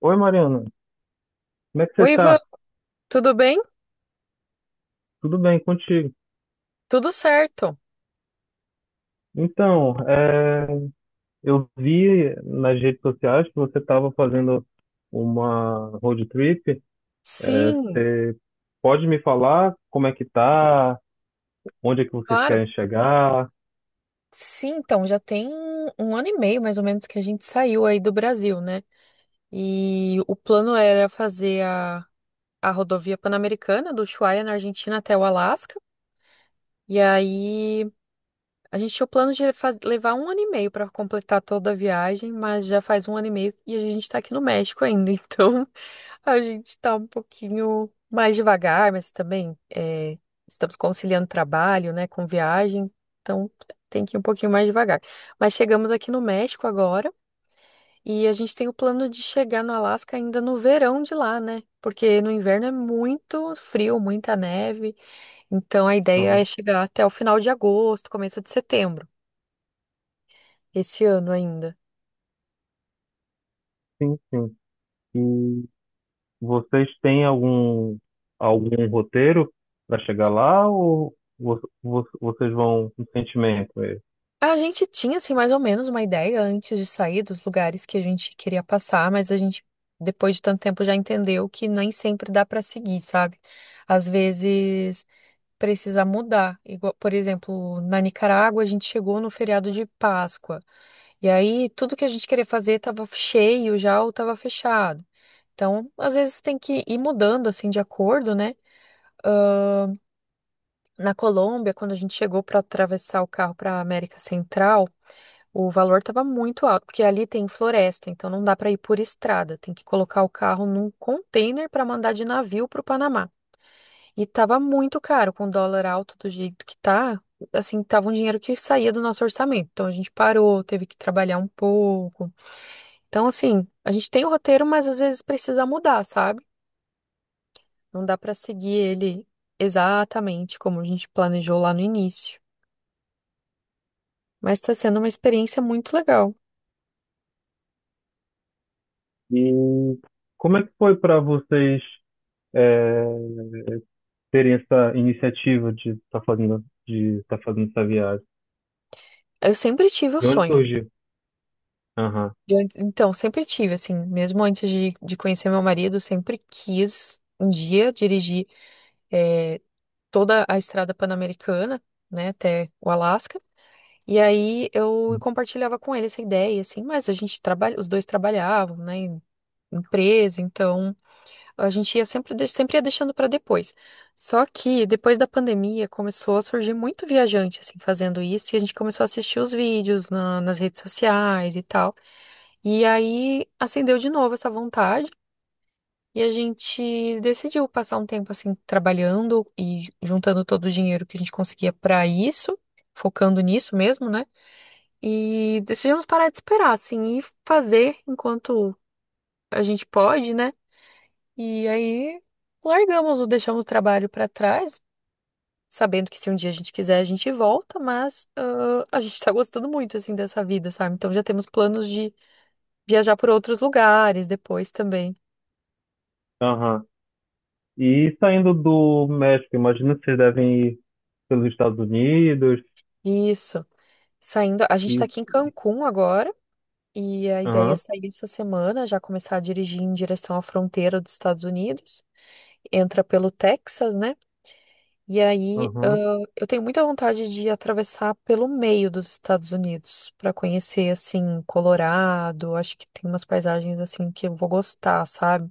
Oi, Mariana, como é que você Oi, Ivan, tá? tudo bem? Tudo bem contigo? Tudo certo. Então, eu vi nas redes sociais que você estava fazendo uma road trip. Sim, Você pode me falar como é que tá? Onde é que vocês claro. querem chegar? Sim, então já tem 1 ano e meio mais ou menos que a gente saiu aí do Brasil, né? E o plano era fazer a rodovia Pan-Americana do Ushuaia na Argentina até o Alasca. E aí a gente tinha o plano de levar 1 ano e meio para completar toda a viagem, mas já faz 1 ano e meio e a gente tá aqui no México ainda, então a gente tá um pouquinho mais devagar, mas também, é, estamos conciliando trabalho, né, com viagem, então tem que ir um pouquinho mais devagar. Mas chegamos aqui no México agora e a gente tem o plano de chegar no Alasca ainda no verão de lá, né? Porque no inverno é muito frio, muita neve, então a ideia é Aham. chegar até o final de agosto, começo de setembro, esse ano ainda. Sim, sim. E vocês têm algum roteiro para chegar lá ou vocês vão com sentimento? A gente tinha, assim, mais ou menos uma ideia antes de sair dos lugares que a gente queria passar, mas a gente, depois de tanto tempo, já entendeu que nem sempre dá pra seguir, sabe? Às vezes precisa mudar. Igual, por exemplo, na Nicarágua, a gente chegou no feriado de Páscoa, e aí tudo que a gente queria fazer estava cheio já ou estava fechado. Então, às vezes tem que ir mudando, assim, de acordo, né? Na Colômbia, quando a gente chegou para atravessar o carro para América Central, o valor estava muito alto, porque ali tem floresta, então não dá para ir por estrada, tem que colocar o carro num container para mandar de navio para o Panamá. E estava muito caro, com o dólar alto do jeito que tá, assim, tava um dinheiro que saía do nosso orçamento. Então a gente parou, teve que trabalhar um pouco. Então assim, a gente tem o roteiro, mas às vezes precisa mudar, sabe? Não dá para seguir ele exatamente como a gente planejou lá no início. Mas está sendo uma experiência muito legal. E como é que foi para vocês? é, Terem essa iniciativa de de tá fazendo essa viagem? Eu sempre tive o De onde sonho, surgiu? Aham, então, sempre tive, assim, mesmo antes de conhecer meu marido, sempre quis um dia dirigir eh, toda a estrada pan-americana, né, até o Alasca. E aí eu compartilhava com ele essa ideia, assim, mas a gente trabalha, os dois trabalhavam, né, em empresa, então a gente ia sempre, sempre ia deixando para depois. Só que depois da pandemia começou a surgir muito viajante, assim, fazendo isso, e a gente começou a assistir os vídeos nas redes sociais e tal. E aí acendeu de novo essa vontade e a gente decidiu passar um tempo assim trabalhando e juntando todo o dinheiro que a gente conseguia pra isso, focando nisso mesmo, né? E decidimos parar de esperar assim e fazer enquanto a gente pode, né? E aí largamos, ou deixamos o trabalho pra trás, sabendo que se um dia a gente quiser a gente volta, mas a gente tá gostando muito assim dessa vida, sabe? Então já temos planos de viajar por outros lugares depois também. aham. E saindo do México, imagino que vocês devem ir pelos Estados Unidos. Isso. Saindo, a gente tá E, aqui em Cancún agora e a ideia é aham, sair essa semana, já começar a dirigir em direção à fronteira dos Estados Unidos. Entra pelo Texas, né? E aí, aham, eu tenho muita vontade de atravessar pelo meio dos Estados Unidos para conhecer assim Colorado. Acho que tem umas paisagens assim que eu vou gostar, sabe?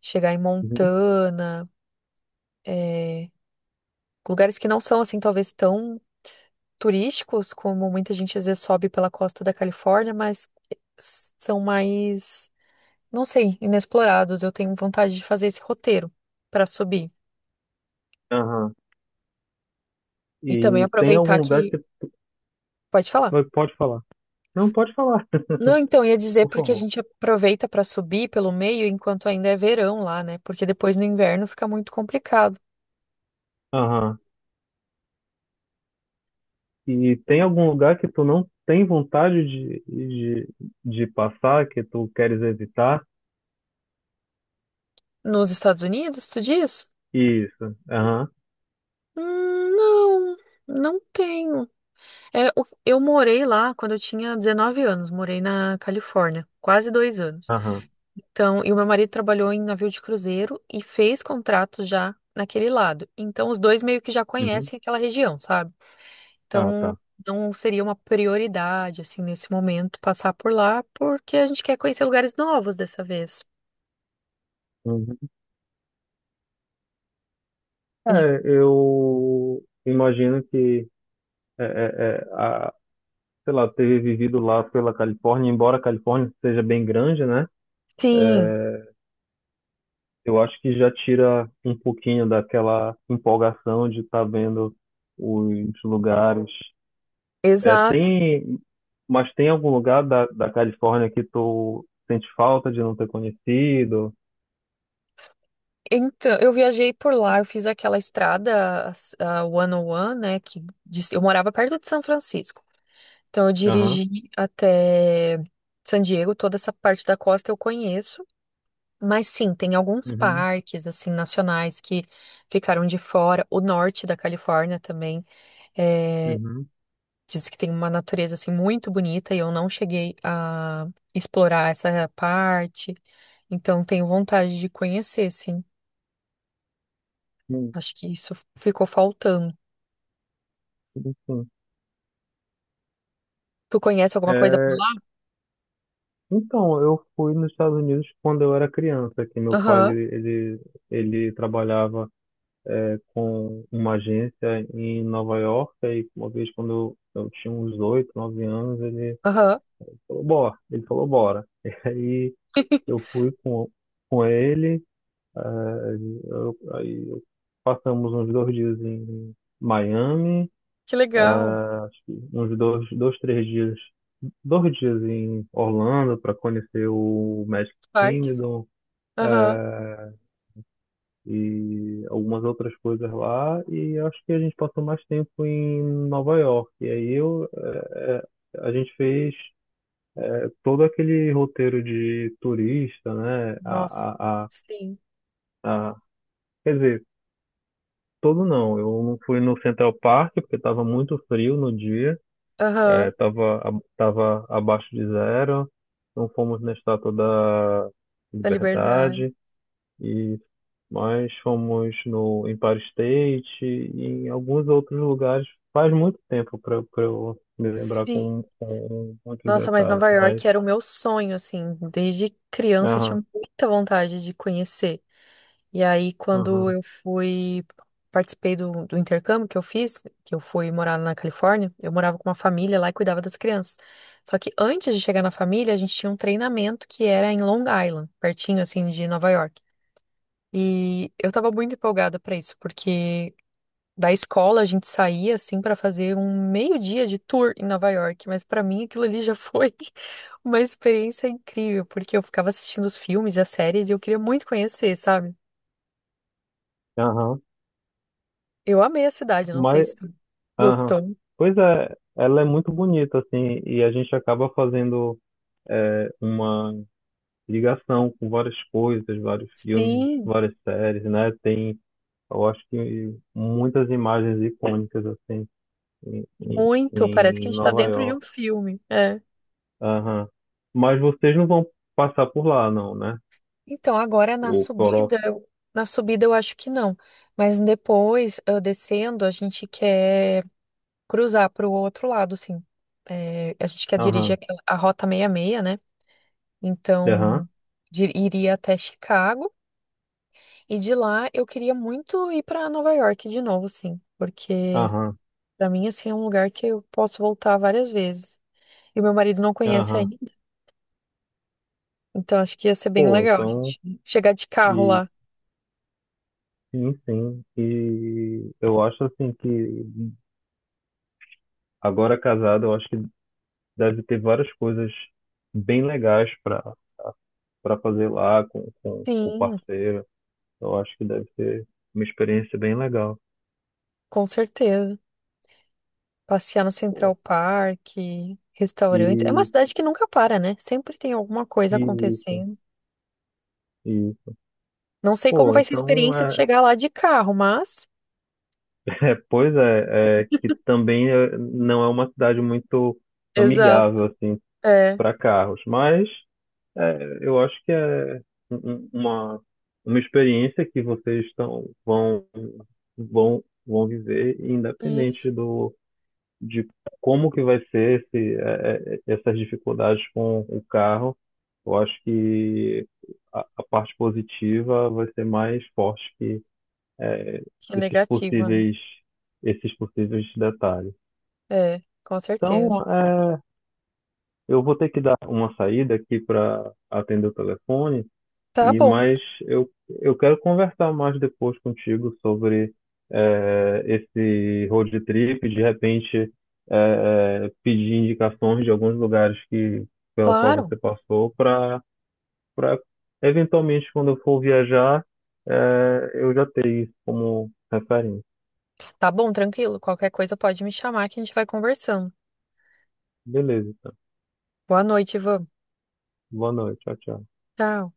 Chegar em uhum, Montana, é, lugares que não são assim talvez tão turísticos, como muita gente às vezes sobe pela costa da Califórnia, mas são mais, não sei, inexplorados. Eu tenho vontade de fazer esse roteiro para subir. aham. E também E tem algum aproveitar lugar que. que você Pode falar. Pode falar? Não, pode falar, Não, então, ia dizer por porque a favor. gente aproveita para subir pelo meio enquanto ainda é verão lá, né? Porque depois no inverno fica muito complicado. Aham. E tem algum lugar que tu não tem vontade de, de passar, que tu queres evitar? Nos Estados Unidos, tu diz? Isso. Aham, Não, não tenho. É, eu morei lá quando eu tinha 19 anos, morei na Califórnia, quase 2 anos. aham. Então, e o meu marido trabalhou em navio de cruzeiro e fez contrato já naquele lado. Então, os dois meio que já Uhum. conhecem aquela região, sabe? Ah, Então, tá. não seria uma prioridade, assim, nesse momento, passar por lá, porque a gente quer conhecer lugares novos dessa vez. Uhum. E É, eu imagino que, é, é, é, a, sei lá, ter vivido lá pela Califórnia, embora a Califórnia seja bem grande, né? sim, Eu acho que já tira um pouquinho daquela empolgação de estar vendo os lugares. É, exato. tem, mas tem algum lugar da Califórnia que tu sente falta de não ter conhecido? Então, eu viajei por lá, eu fiz aquela estrada, a 101, né? Eu morava perto de São Francisco. Então, eu Aham. dirigi até San Diego, toda essa parte da costa eu conheço. Mas sim, tem alguns Uhum. parques, assim, nacionais que ficaram de fora. O norte da Califórnia também é, Uhum. diz que tem uma natureza, assim, muito bonita e eu não cheguei a explorar essa parte. Então, tenho vontade de conhecer, sim. Sim, Acho que isso ficou faltando. sim, sim. Tu conhece alguma coisa por lá? Então, eu fui nos Estados Unidos quando eu era criança, que meu pai Aham, ele trabalhava com uma agência em Nova York, e uma vez quando eu tinha uns 8, 9 anos, ele aham. falou, bora, ele falou, bora. E aí eu fui com ele, eu, aí eu- passamos uns 2 dias em Miami, Que eh, legal. acho que uns 2, 2, 3 dias, 2 dias em Orlando para conhecer o Magic Parques. Kingdom, Aham. e algumas outras coisas lá. E acho que a gente passou mais tempo em Nova York. E aí a gente fez todo aquele roteiro de turista, né? Nossa. Sim. a- Quer dizer, todo não. Eu não fui no Central Park porque estava muito frio no dia, Aham. Tava abaixo de zero. Não fomos na Estátua da Da Liberdade. Liberdade. E nós fomos no Empire State e em alguns outros lugares. Faz muito tempo para eu me lembrar com, Sim. com muitos Nossa, mas detalhes, Nova mas. York era o meu sonho, assim. Desde criança eu tinha Aham, muita vontade de conhecer. E aí, quando aham, eu fui, participei do intercâmbio que eu fiz, que eu fui morar na Califórnia, eu morava com uma família lá e cuidava das crianças. Só que antes de chegar na família, a gente tinha um treinamento que era em Long Island, pertinho, assim, de Nova York. E eu tava muito empolgada pra isso, porque da escola a gente saía assim para fazer um meio-dia de tour em Nova York, mas para mim aquilo ali já foi uma experiência incrível, porque eu ficava assistindo os filmes e as séries e eu queria muito conhecer, sabe? aham. Eu amei a cidade, não sei Mas, se tu aham. gostou. Pois é, ela é muito bonita, assim, e a gente acaba fazendo uma ligação com várias coisas, vários filmes, Sim, várias séries, né? Tem, eu acho que muitas imagens icônicas, assim, em, em muito, parece que em a gente tá Nova dentro de um York. filme. É. Aham. Mas vocês não vão passar por lá, não, né? Então, agora na O Coró. subida, na subida eu acho que não, mas depois, eu descendo, a gente quer cruzar para o outro lado, assim. É, a gente quer dirigir Aham. aquela, a Rota 66, né? Aham. Então, iria até Chicago e de lá eu queria muito ir para Nova York de novo, assim, porque Aham. para mim assim é um lugar que eu posso voltar várias vezes. E meu marido não conhece Aham. ainda, então acho que ia ser bem Pô, legal a então. gente chegar de carro E lá. sim, sim. E eu acho assim que agora casado, eu acho que deve ter várias coisas bem legais para fazer lá com o Sim, parceiro. Eu acho que deve ser uma experiência bem legal. com certeza. Passear no Central Pô. Park, E, restaurantes. É uma cidade que nunca para, né? Sempre tem alguma coisa e isso. acontecendo. E, Não sei como pô, vai ser a então experiência de é, chegar lá de carro, mas. É, pois é, é que também não é uma cidade muito Exato. amigável assim É, para carros, mas eu acho que é um- um- uma uma experiência que vocês estão vão vão vão viver independente isso. do de como que vai ser essas dificuldades com o carro. Eu acho que a parte positiva vai ser mais forte é, É esses negativa, né? possíveis, esses possíveis detalhes. É, com certeza. Então, eu vou ter que dar uma saída aqui para atender o telefone, Tá e bom, mas eu, eu quero conversar mais depois contigo sobre esse road trip, de repente pedir indicações de alguns lugares que pela qual claro. você passou para eventualmente quando eu for viajar eu já ter isso como referência. Tá bom, tranquilo. Qualquer coisa pode me chamar que a gente vai conversando. Beleza. Boa noite, Ivan. Boa noite. Tchau, tchau. Tchau.